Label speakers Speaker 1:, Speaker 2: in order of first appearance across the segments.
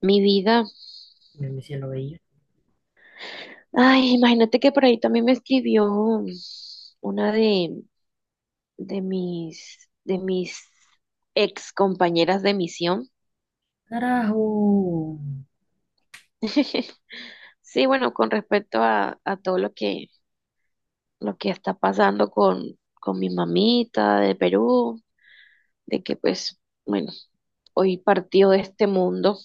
Speaker 1: Mi vida.
Speaker 2: Me sí lo veía.
Speaker 1: Ay, imagínate que por ahí también me escribió una de mis ex compañeras de misión.
Speaker 2: Carajo.
Speaker 1: Sí, bueno, con respecto a todo lo que está pasando con mi mamita de Perú, de que pues, bueno, hoy partió de este mundo.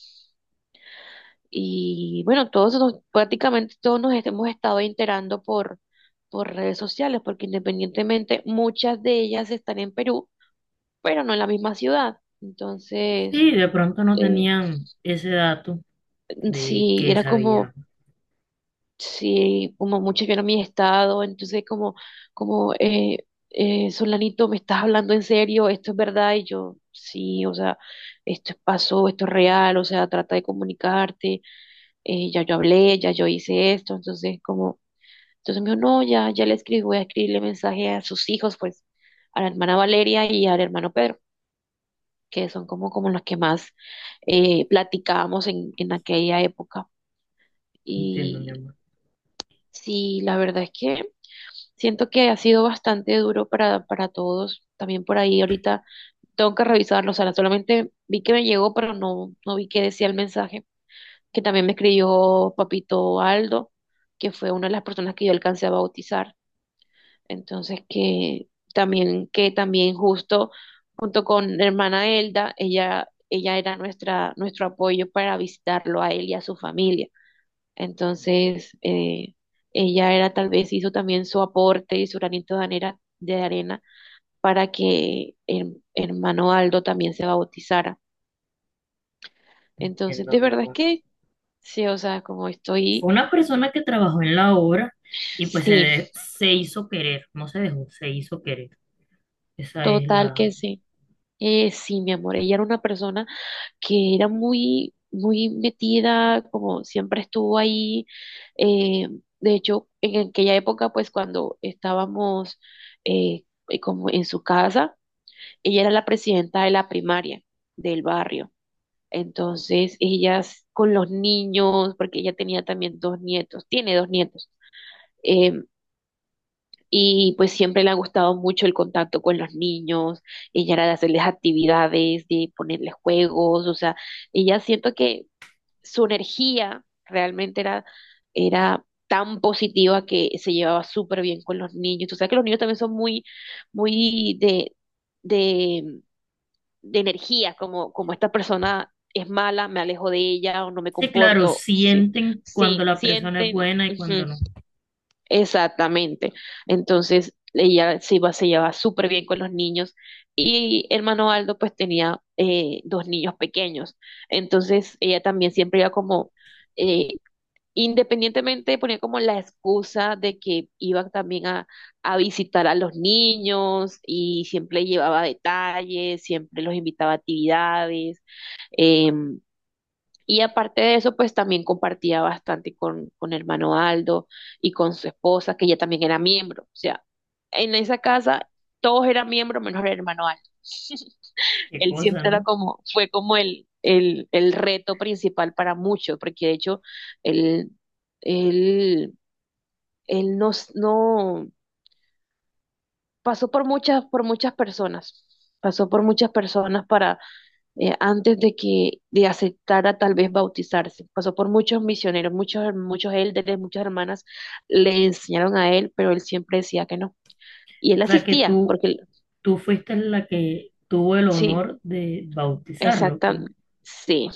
Speaker 1: Y bueno, prácticamente todos nos hemos estado enterando por redes sociales, porque independientemente muchas de ellas están en Perú, pero no en la misma ciudad. Entonces,
Speaker 2: Sí, de pronto no
Speaker 1: eh,
Speaker 2: tenían ese dato de
Speaker 1: sí,
Speaker 2: que
Speaker 1: era como,
Speaker 2: sabía.
Speaker 1: sí, como muchos vieron mi estado, entonces como, Solanito, ¿me estás hablando en serio? ¿Esto es verdad? Y yo, sí, o sea, pasó, esto es real, o sea, trata de comunicarte, ya yo hablé, ya yo hice esto, entonces como. Entonces me dijo, no, ya, ya le escribí, voy a escribirle mensaje a sus hijos, pues, a la hermana Valeria y al hermano Pedro, que son como los que más platicábamos en aquella época.
Speaker 2: Entiendo, mi
Speaker 1: Y
Speaker 2: amor.
Speaker 1: sí, la verdad es que siento que ha sido bastante duro para todos. También por ahí ahorita tengo que revisarlo. O sea, solamente vi que me llegó, pero no, no vi que decía el mensaje. Que también me escribió Papito Aldo, que fue una de las personas que yo alcancé a bautizar. Entonces que también, justo junto con hermana Elda, ella era nuestra, nuestro apoyo para visitarlo a él y a su familia. Entonces, ella era tal vez hizo también su aporte y su granito de arena, para que el hermano Aldo también se bautizara. Entonces,
Speaker 2: Entiendo,
Speaker 1: de
Speaker 2: mi
Speaker 1: verdad es
Speaker 2: amor.
Speaker 1: que sí, o sea, como estoy,
Speaker 2: Fue una persona que trabajó en la obra y pues
Speaker 1: sí,
Speaker 2: se hizo querer. No se dejó, se hizo querer. Esa es
Speaker 1: total que
Speaker 2: la...
Speaker 1: sí. Sí, mi amor, ella era una persona que era muy, muy metida, como siempre estuvo ahí. eh, de hecho, en aquella época, pues cuando estábamos eh, como en su casa, ella era la presidenta de la primaria del barrio. Entonces, ellas con los niños, porque ella tenía también dos nietos, tiene dos nietos. eh, y pues siempre le ha gustado mucho el contacto con los niños, ella era de hacerles actividades, de ponerles juegos, o sea, ella siento que su energía realmente era tan positiva que se llevaba súper bien con los niños. Tú sabes que los niños también son muy, muy de, de energía, como esta persona es mala, me alejo de ella o no me
Speaker 2: Sí, claro,
Speaker 1: comporto. Sí,
Speaker 2: sienten cuando
Speaker 1: sí
Speaker 2: la persona es
Speaker 1: sienten.
Speaker 2: buena y
Speaker 1: Ujú.
Speaker 2: cuando no.
Speaker 1: Exactamente. Entonces, ella se iba, se llevaba súper bien con los niños y hermano Aldo pues tenía dos niños pequeños. Entonces, ella también siempre iba como, eh, independientemente ponía como la excusa de que iba también a visitar a los niños y siempre llevaba detalles, siempre los invitaba a actividades. em, y aparte de eso, pues también compartía bastante con hermano Aldo y con su esposa, que ella también era miembro. O sea, en esa casa todos eran miembros menos el hermano Aldo.
Speaker 2: Qué
Speaker 1: Él
Speaker 2: cosa,
Speaker 1: siempre era
Speaker 2: ¿no?
Speaker 1: como, fue como el reto principal para muchos, porque de hecho él, él, él no pasó por muchas personas, pasó por muchas personas para antes de que de aceptara tal vez bautizarse. Pasó por muchos misioneros, muchos, muchos élderes, muchas hermanas le enseñaron a él, pero él siempre decía que no. Y él
Speaker 2: O sea, que
Speaker 1: asistía,
Speaker 2: tú,
Speaker 1: porque
Speaker 2: tú fuiste la que tuvo el
Speaker 1: sí,
Speaker 2: honor de bautizarlo, pues.
Speaker 1: exactamente, sí.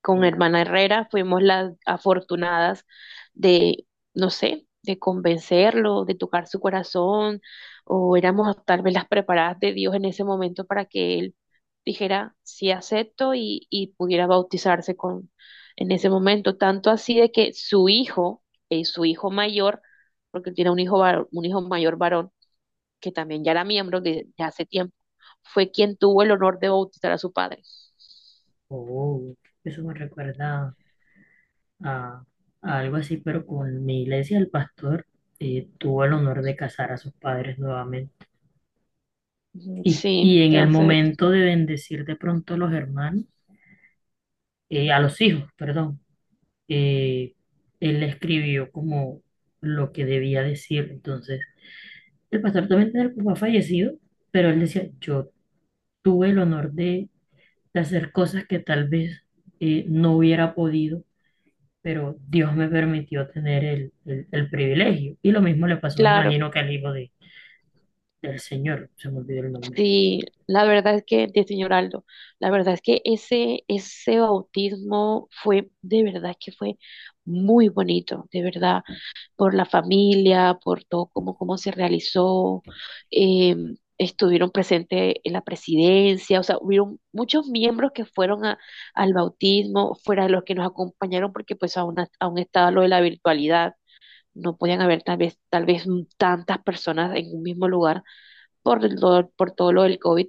Speaker 1: Con
Speaker 2: Ya,
Speaker 1: hermana Herrera fuimos las afortunadas de, no sé, de convencerlo, de tocar su corazón, o éramos tal vez las preparadas de Dios en ese momento para que él dijera sí acepto y pudiera bautizarse con en ese momento, tanto así de que su hijo mayor, porque él tiene un hijo mayor varón, que también ya era miembro de hace tiempo, fue quien tuvo el honor de bautizar a su padre.
Speaker 2: oh, eso me recuerda a, a algo así, pero con mi iglesia el pastor tuvo el honor de casar a sus padres nuevamente.
Speaker 1: Ujú.
Speaker 2: Y,
Speaker 1: Sí,
Speaker 2: y en el
Speaker 1: entonces
Speaker 2: momento de bendecir de pronto a los hermanos, a los hijos, perdón, eh, él le escribió como lo que debía decir. Entonces, el pastor también tenía el papá fallecido, pero él decía, yo tuve el honor de hacer cosas que tal vez no hubiera podido, pero Dios me permitió tener el privilegio. Y lo mismo le pasó, me
Speaker 1: claro,
Speaker 2: imagino, que al hijo de, del Señor, se me olvidó el nombre.
Speaker 1: sí, la verdad es que, de señor Aldo, la verdad es que ese bautismo fue, de verdad que fue muy bonito, de verdad, por la familia, por todo cómo se realizó, eh, estuvieron presentes en la presidencia, o sea, hubieron muchos miembros que fueron al bautismo, fuera de los que nos acompañaron, porque pues aún estaba lo de la virtualidad, no podían haber tal vez tantas personas en un mismo lugar por, el por todo lo del COVID,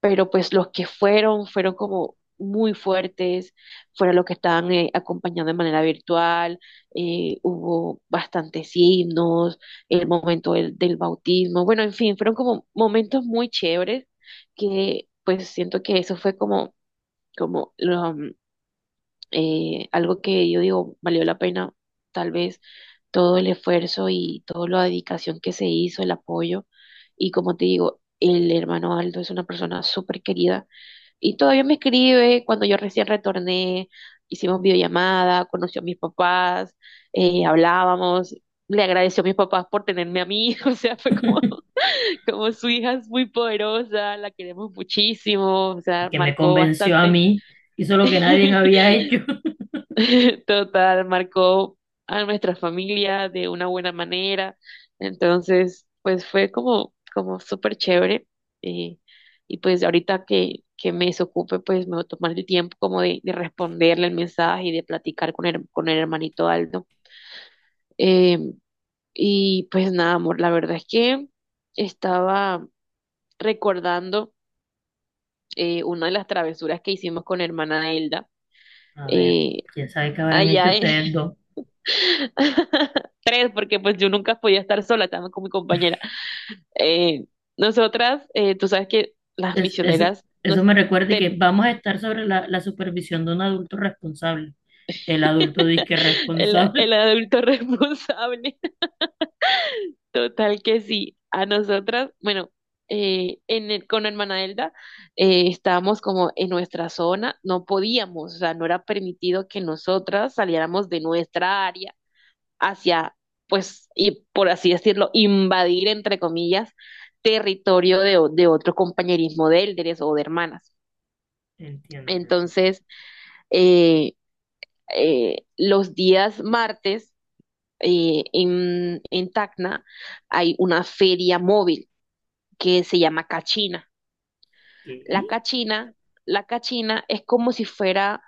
Speaker 1: pero pues los que fueron como muy fuertes, fueron los que estaban acompañando de manera virtual, hubo bastantes himnos, el momento del bautismo, bueno, en fin, fueron como momentos muy chéveres que pues siento que eso fue como lo, algo que yo digo valió la pena, tal vez todo el esfuerzo y toda la dedicación que se hizo, el apoyo. Y como te digo, el hermano Aldo es una persona súper querida y todavía me escribe cuando yo recién retorné, hicimos videollamada, conoció a mis papás, hablábamos. Le agradeció a mis papás por tenerme a mí, o sea, fue como, como su hija es muy poderosa, la queremos muchísimo, o sea,
Speaker 2: Que me
Speaker 1: marcó
Speaker 2: convenció a
Speaker 1: bastante.
Speaker 2: mí, hizo lo que nadie había hecho.
Speaker 1: Total, marcó a nuestra familia de una buena manera. Entonces, pues fue como súper chévere. eh, y pues ahorita que me desocupe, pues me voy a tomar el tiempo como de responderle el mensaje y de platicar con el hermanito Aldo. Eh, y pues nada, amor, la verdad es que estaba recordando una de las travesuras que hicimos con hermana Elda.
Speaker 2: A ver,
Speaker 1: eh,
Speaker 2: quién sabe qué habrán hecho
Speaker 1: Allá.
Speaker 2: ustedes dos.
Speaker 1: Tres, porque pues yo nunca podía estar sola, estaba con mi compañera. Eh, Nosotras, tú sabes que las
Speaker 2: Es, es-
Speaker 1: misioneras
Speaker 2: Eso me recuerda que
Speaker 1: ten-
Speaker 2: vamos a estar sobre la, la supervisión de un adulto responsable. El adulto disque
Speaker 1: el,
Speaker 2: responsable.
Speaker 1: el adulto responsable. Total que sí, a nosotras, bueno, con hermana Elda estábamos como en nuestra zona, no podíamos, o sea, no era permitido que nosotras saliéramos de nuestra área hacia, pues, y por así decirlo, invadir, entre comillas, territorio de otro compañerismo de élderes o de hermanas.
Speaker 2: Entiendo, mi amor.
Speaker 1: Entonces, eh, los días martes en Tacna hay una feria móvil que se llama Cachina. La
Speaker 2: ¿Qué?
Speaker 1: Cachina, la Cachina es como si fuera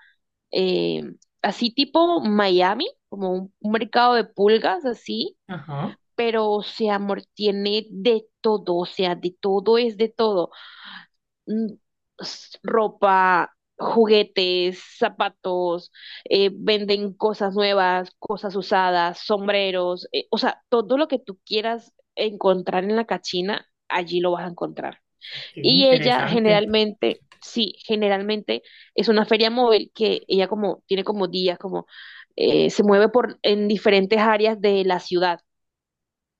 Speaker 1: eh, así tipo Miami, como un mercado de pulgas así,
Speaker 2: Ajá,
Speaker 1: pero, o sea, amor, tiene de todo, o sea, de todo es de todo. Mm, Ropa, juguetes, zapatos, venden cosas nuevas, cosas usadas, sombreros, o sea, todo lo que tú quieras encontrar en la cachina, allí lo vas a encontrar.
Speaker 2: qué
Speaker 1: Y ella
Speaker 2: interesante.
Speaker 1: generalmente, sí, generalmente es una feria móvil que ella como tiene como días, como se mueve por en diferentes áreas de la ciudad.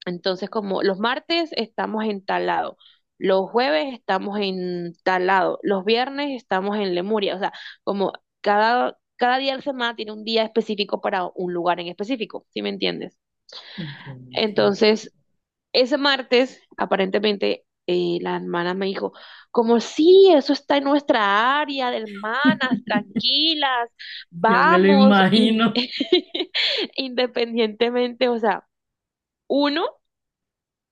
Speaker 1: Entonces, como los martes estamos en Talado, los jueves estamos en Talado, los viernes estamos en Lemuria, o sea, como cada día de la semana tiene un día específico para un lugar en específico, ¿sí me entiendes?
Speaker 2: Entiendo, mi cielito.
Speaker 1: Entonces, ese martes, aparentemente, la hermana me dijo, como sí, eso está en nuestra área de hermanas, tranquilas,
Speaker 2: Ya me lo
Speaker 1: vamos,
Speaker 2: imagino.
Speaker 1: independientemente, o sea, uno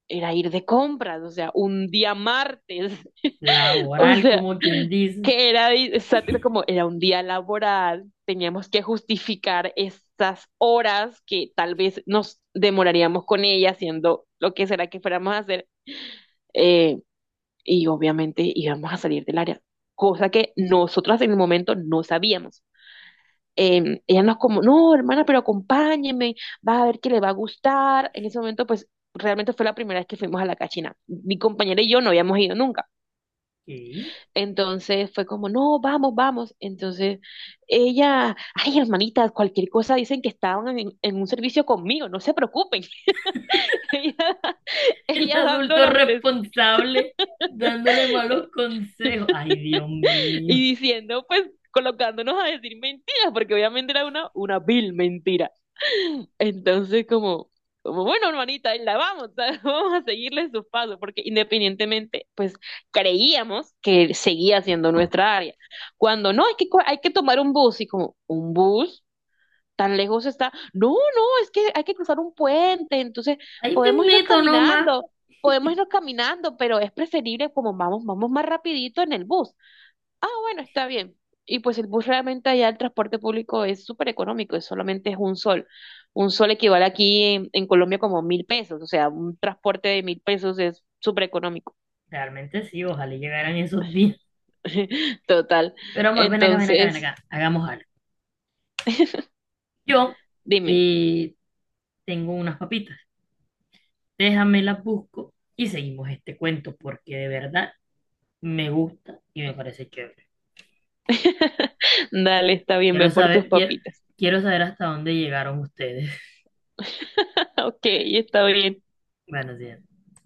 Speaker 1: era ir de compras, o sea, un día martes, o
Speaker 2: Laboral,
Speaker 1: sea,
Speaker 2: como quien dice.
Speaker 1: que era exactamente como era un día laboral, teníamos que justificar estas horas que tal vez nos demoraríamos con ella haciendo lo que será que fuéramos a hacer, eh, y obviamente íbamos a salir del área, cosa que nosotras en el momento no sabíamos. Ella nos como, no, hermana, pero acompáñeme, vas a ver que le va a gustar. En ese momento, pues realmente fue la primera vez que fuimos a la cachina. Mi compañera y yo no habíamos ido nunca.
Speaker 2: ¿Qué?
Speaker 1: Entonces fue como, no, vamos, vamos. Entonces ella, ay, hermanitas, cualquier cosa dicen que estaban en un servicio conmigo, no se preocupen. Ella,
Speaker 2: El
Speaker 1: ella dando
Speaker 2: adulto
Speaker 1: las
Speaker 2: responsable dándole malos consejos. Ay, Dios mío.
Speaker 1: y diciendo, pues colocándonos a decir mentiras, porque obviamente era una vil mentira. Entonces, como bueno, hermanita, ahí la vamos, ¿sabes? Vamos a seguirle sus pasos, porque independientemente, pues creíamos que seguía siendo nuestra área. Cuando no, hay que tomar un bus, y como, ¿un bus? Tan lejos está. No, no, es que hay que cruzar un puente, entonces
Speaker 2: Ahí me
Speaker 1: podemos irnos
Speaker 2: meto nomás.
Speaker 1: caminando, podemos irnos caminando, pero es preferible como vamos, vamos más rapidito en el bus. Ah, bueno, está bien. Y pues el bus realmente allá, el transporte público es súper económico, es solamente es un sol. Un sol equivale aquí en Colombia como 1.000 pesos, o sea, un transporte de 1.000 pesos es súper económico.
Speaker 2: Realmente sí, ojalá llegaran esos días.
Speaker 1: Total.
Speaker 2: Pero amor, ven acá, ven acá, ven
Speaker 1: Entonces,
Speaker 2: acá. Hagamos algo. Yo
Speaker 1: dime.
Speaker 2: eh, tengo unas papitas. Déjame las busco y seguimos este cuento porque de verdad me gusta y me parece chévere.
Speaker 1: Dale, está bien, ve
Speaker 2: Quiero
Speaker 1: por tus
Speaker 2: saber, quiero,
Speaker 1: papitas.
Speaker 2: quiero saber hasta dónde llegaron ustedes.
Speaker 1: Ok, está bien.
Speaker 2: Bueno días.